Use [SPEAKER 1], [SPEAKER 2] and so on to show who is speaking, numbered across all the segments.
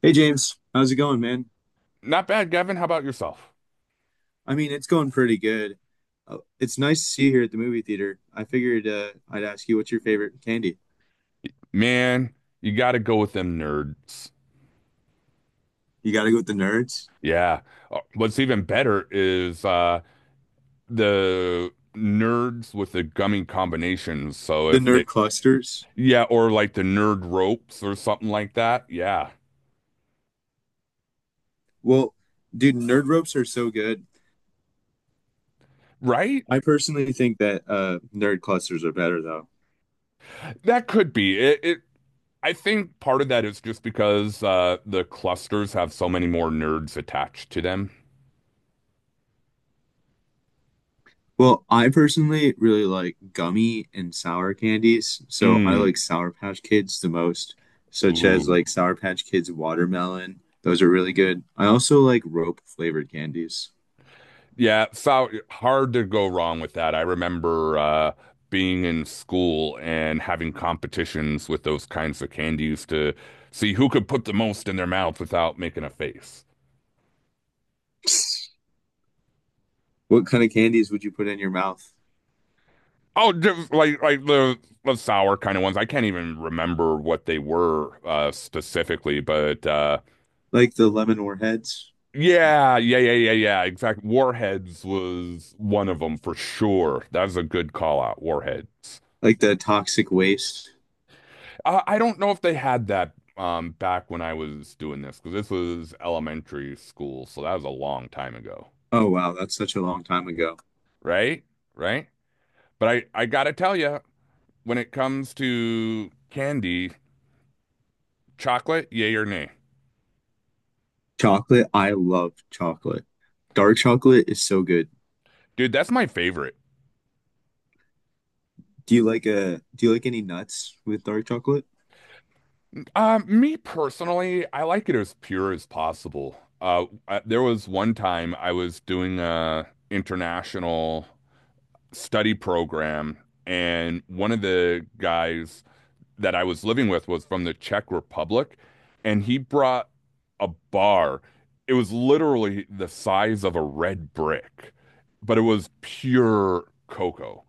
[SPEAKER 1] Hey James, how's it going, man?
[SPEAKER 2] Not bad, Gavin. How about yourself?
[SPEAKER 1] I mean, it's going pretty good. It's nice to see you here at the movie theater. I figured I'd ask you what's your favorite candy.
[SPEAKER 2] Man, you got to go with them nerds.
[SPEAKER 1] You gotta go with the nerds,
[SPEAKER 2] Yeah. What's even better is the nerds with the gummy combinations. So
[SPEAKER 1] the
[SPEAKER 2] if
[SPEAKER 1] nerd
[SPEAKER 2] they
[SPEAKER 1] clusters.
[SPEAKER 2] yeah, or like the nerd ropes or something like that. Yeah.
[SPEAKER 1] Well, dude, nerd ropes are so good.
[SPEAKER 2] Right?
[SPEAKER 1] I personally think that nerd clusters are better though.
[SPEAKER 2] That could be. It I think part of that is just because the clusters have so many more nerds attached to them.
[SPEAKER 1] Well, I personally really like gummy and sour candies, so I
[SPEAKER 2] Mm.
[SPEAKER 1] like Sour Patch Kids the most, such as
[SPEAKER 2] Ooh.
[SPEAKER 1] like Sour Patch Kids watermelon. Those are really good. I also like rope flavored candies.
[SPEAKER 2] Yeah, foul, hard to go wrong with that. I remember being in school and having competitions with those kinds of candies to see who could put the most in their mouth without making a face.
[SPEAKER 1] What kind of candies would you put in your mouth?
[SPEAKER 2] Oh, just like the sour kind of ones. I can't even remember what they were specifically, but
[SPEAKER 1] Like the lemon warheads?
[SPEAKER 2] yeah, yeah, yeah, yeah, yeah. Exact. Warheads was one of them for sure. That's a good call out. Warheads.
[SPEAKER 1] Like the toxic waste?
[SPEAKER 2] I don't know if they had that back when I was doing this because this was elementary school, so that was a long time ago,
[SPEAKER 1] Oh, wow. That's such a long time ago.
[SPEAKER 2] right? Right? But I gotta tell you, when it comes to candy, chocolate, yay or nay,
[SPEAKER 1] Chocolate. I love chocolate. Dark chocolate is so good.
[SPEAKER 2] dude, that's my favorite.
[SPEAKER 1] Do you like any nuts with dark chocolate?
[SPEAKER 2] Me personally, I like it as pure as possible. There was one time I was doing a international study program, and one of the guys that I was living with was from the Czech Republic, and he brought a bar. It was literally the size of a red brick, but it was pure cocoa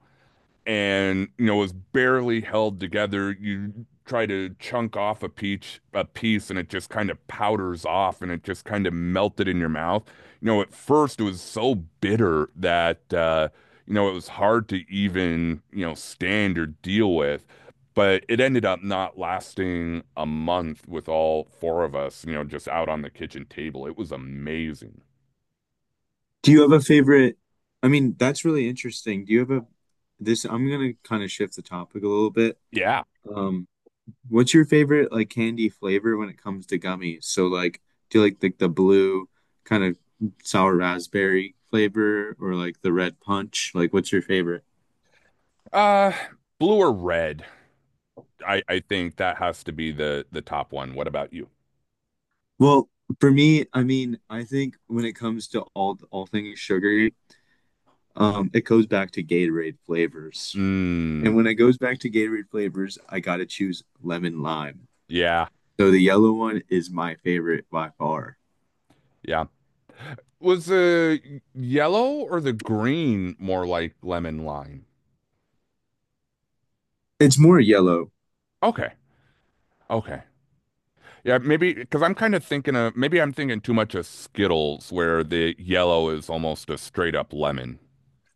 [SPEAKER 2] and you know was barely held together. You try to chunk off a peach a piece and it just kind of powders off and it just kind of melted in your mouth. You know, at first it was so bitter that you know it was hard to even you know stand or deal with. But it ended up not lasting a month with all four of us, you know, just out on the kitchen table. It was amazing.
[SPEAKER 1] Do you have a favorite? I mean, that's really interesting. Do you have a, This, I'm gonna kind of shift the topic a little bit.
[SPEAKER 2] Yeah.
[SPEAKER 1] Um, What's your favorite like candy flavor when it comes to gummies? So like do you like the blue kind of sour raspberry flavor or like the red punch? Like what's your favorite?
[SPEAKER 2] Uh, Blue or red? I think that has to be the top one. What about you?
[SPEAKER 1] Well, for me, I mean, I think when it comes to all things sugary, it goes back to Gatorade flavors.
[SPEAKER 2] Mm,
[SPEAKER 1] And when it goes back to Gatorade flavors, I gotta choose lemon lime.
[SPEAKER 2] yeah,
[SPEAKER 1] So the yellow one is my favorite by far.
[SPEAKER 2] yeah. Was the yellow or the green more like lemon lime?
[SPEAKER 1] It's more yellow.
[SPEAKER 2] Okay, okay. Yeah, maybe because I'm kind of thinking of maybe I'm thinking too much of Skittles, where the yellow is almost a straight up lemon.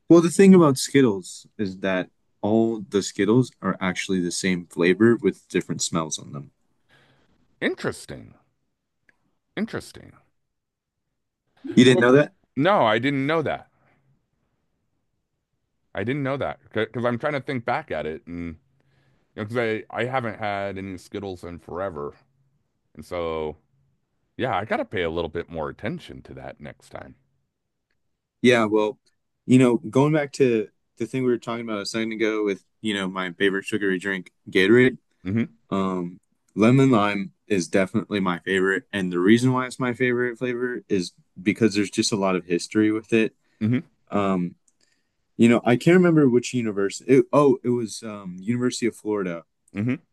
[SPEAKER 1] Well, the thing about Skittles is that all the Skittles are actually the same flavor with different smells on them.
[SPEAKER 2] Interesting, interesting.
[SPEAKER 1] You didn't
[SPEAKER 2] Well,
[SPEAKER 1] know that?
[SPEAKER 2] no, I didn't know that. I didn't know that because I'm trying to think back at it, and because I haven't had any Skittles in forever, and so. Yeah, I gotta pay a little bit more attention to that next time.
[SPEAKER 1] Yeah, well, you know, going back to the thing we were talking about a second ago with, you know, my favorite sugary drink, Gatorade,
[SPEAKER 2] Hmm.
[SPEAKER 1] um, lemon lime is definitely my favorite. And the reason why it's my favorite flavor is because there's just a lot of history with it.
[SPEAKER 2] Hmm.
[SPEAKER 1] Um, you know, I can't remember which university. Oh, it was University of Florida.
[SPEAKER 2] Hmm.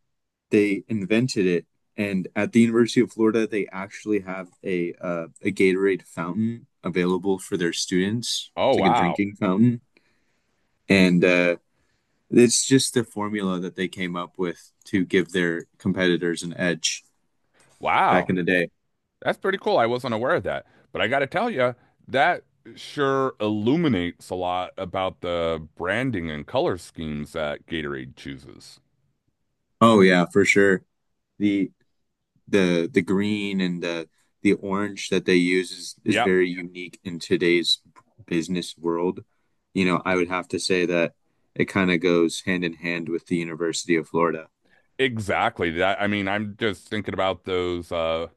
[SPEAKER 1] They invented it. And at the University of Florida, they actually have a Gatorade fountain available for their students.
[SPEAKER 2] Oh,
[SPEAKER 1] It's like a
[SPEAKER 2] wow.
[SPEAKER 1] drinking fountain, and it's just the formula that they came up with to give their competitors an edge back
[SPEAKER 2] Wow.
[SPEAKER 1] in the day.
[SPEAKER 2] That's pretty cool. I wasn't aware of that. But I gotta tell you, that sure illuminates a lot about the branding and color schemes that Gatorade chooses.
[SPEAKER 1] Oh yeah, for sure. The the green and the orange that they use is
[SPEAKER 2] Yep.
[SPEAKER 1] very unique in today's business world. You know, I would have to say that it kind of goes hand in hand with the University of Florida.
[SPEAKER 2] Exactly. That, I mean, I'm just thinking about those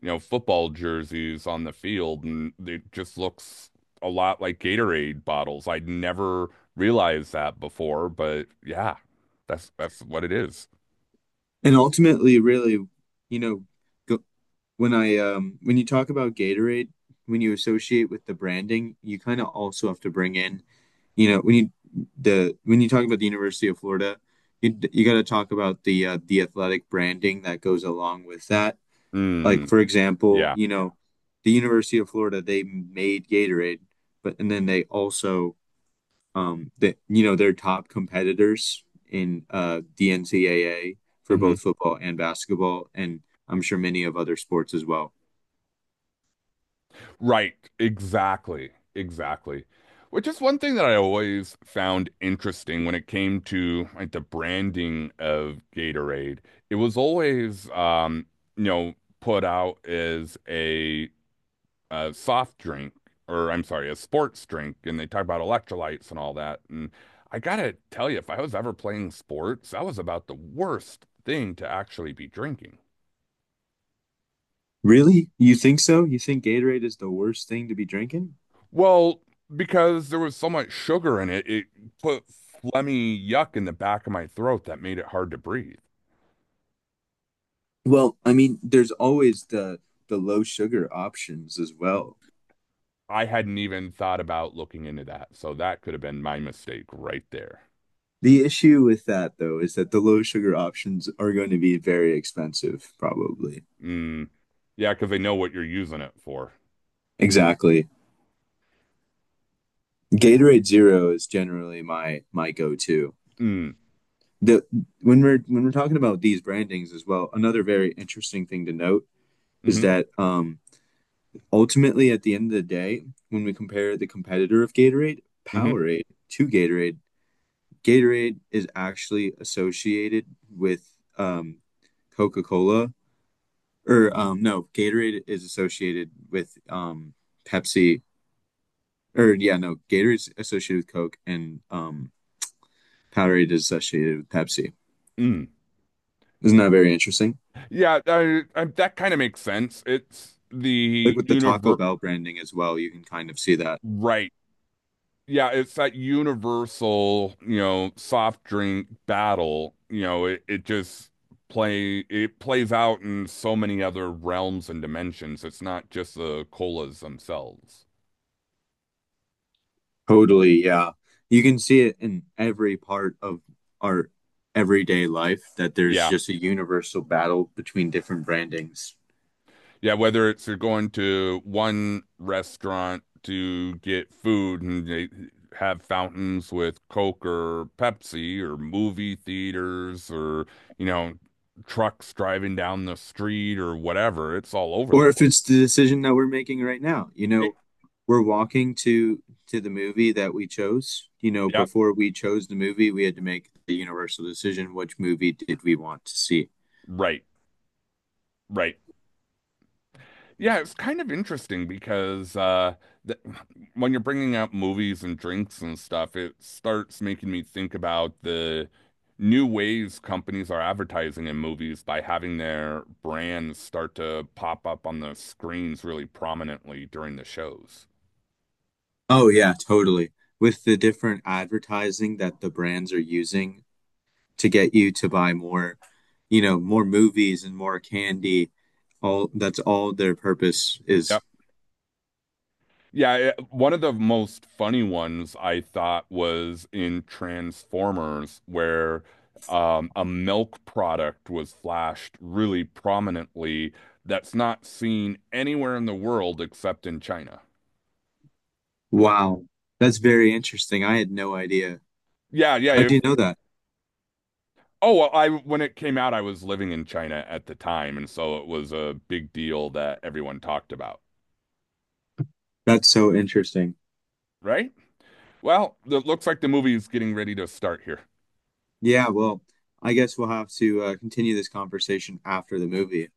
[SPEAKER 2] you know, football jerseys on the field and it just looks a lot like Gatorade bottles. I'd never realized that before, but yeah, that's what it is.
[SPEAKER 1] And ultimately, really, you know, go, when I when you talk about Gatorade, when you associate with the branding, you kind of also have to bring in, you know, when you talk about the University of Florida, you got to talk about the athletic branding that goes along with that. Like
[SPEAKER 2] Mm,
[SPEAKER 1] for example,
[SPEAKER 2] yeah.
[SPEAKER 1] you know, the University of Florida they made Gatorade, but and then they also that you know their top competitors in the NCAA for
[SPEAKER 2] Mhm.
[SPEAKER 1] both football and basketball, and I'm sure many of other sports as well.
[SPEAKER 2] Right, exactly, exactly. Which is one thing that I always found interesting when it came to like the branding of Gatorade. It was always, you know, put out as a, soft drink, or I'm sorry, a sports drink, and they talk about electrolytes and all that. And I gotta tell you, if I was ever playing sports, that was about the worst thing to actually be drinking.
[SPEAKER 1] Really? You think so? You think Gatorade is the worst thing to be drinking?
[SPEAKER 2] Well, because there was so much sugar in it, it put phlegmy yuck in the back of my throat that made it hard to breathe.
[SPEAKER 1] Well, I mean, there's always the low sugar options as well.
[SPEAKER 2] I hadn't even thought about looking into that, so that could have been my mistake right there.
[SPEAKER 1] The issue with that though is that the low sugar options are going to be very expensive, probably.
[SPEAKER 2] Mm. Yeah, because they know what you're using it for.
[SPEAKER 1] Exactly. Gatorade Zero is generally my go-to.
[SPEAKER 2] Mm.
[SPEAKER 1] The when we're talking about these brandings as well, another very interesting thing to note is
[SPEAKER 2] Mm-hmm.
[SPEAKER 1] that ultimately at the end of the day, when we compare the competitor of Gatorade,
[SPEAKER 2] Mm-hmm.
[SPEAKER 1] Powerade to Gatorade, Gatorade is actually associated with um, Coca Cola, or
[SPEAKER 2] Hmm.
[SPEAKER 1] no, Gatorade is associated with Pepsi, or yeah, no, Gatorade's associated with Coke, and Powerade is associated with Pepsi.
[SPEAKER 2] Mm.
[SPEAKER 1] Isn't that very interesting?
[SPEAKER 2] Yeah, that kind of makes sense. It's
[SPEAKER 1] Like
[SPEAKER 2] the
[SPEAKER 1] with the Taco
[SPEAKER 2] universe,
[SPEAKER 1] Bell branding as well, you can kind of see that.
[SPEAKER 2] right? Yeah, it's that universal, you know, soft drink battle. You know, it just play it plays out in so many other realms and dimensions. It's not just the colas themselves.
[SPEAKER 1] Totally, yeah. You can see it in every part of our everyday life that there's
[SPEAKER 2] Yeah.
[SPEAKER 1] just a universal battle between different brandings.
[SPEAKER 2] Yeah, whether it's you're going to one restaurant to get food and they have fountains with Coke or Pepsi or movie theaters or, you know, trucks driving down the street or whatever, it's all over the
[SPEAKER 1] Or if
[SPEAKER 2] place.
[SPEAKER 1] it's the decision that we're making right now, you know,
[SPEAKER 2] It,
[SPEAKER 1] we're walking to the movie that we chose. You know,
[SPEAKER 2] yeah.
[SPEAKER 1] before we chose the movie we had to make the universal decision, which movie did we want to see.
[SPEAKER 2] Right, right. Yeah, it's kind of interesting because th when you're bringing up movies and drinks and stuff, it starts making me think about the new ways companies are advertising in movies by having their brands start to pop up on the screens really prominently during the shows.
[SPEAKER 1] Oh yeah, totally. With the different advertising that the brands are using to get you to buy more, you know, more movies and more candy, all that's all their purpose is.
[SPEAKER 2] Yep. Yeah, it- one of the most funny ones I thought was in Transformers, where a milk product was flashed really prominently that's not seen anywhere in the world except in China.
[SPEAKER 1] Wow, that's very interesting, I had no idea.
[SPEAKER 2] Yeah, yeah.
[SPEAKER 1] How do you
[SPEAKER 2] If
[SPEAKER 1] know that?
[SPEAKER 2] oh, well, I when it came out, I was living in China at the time, and so it was a big deal that everyone talked about,
[SPEAKER 1] That's so interesting.
[SPEAKER 2] right? Well, it looks like the movie's getting ready to start here.
[SPEAKER 1] Yeah, well, I guess we'll have to continue this conversation after the movie.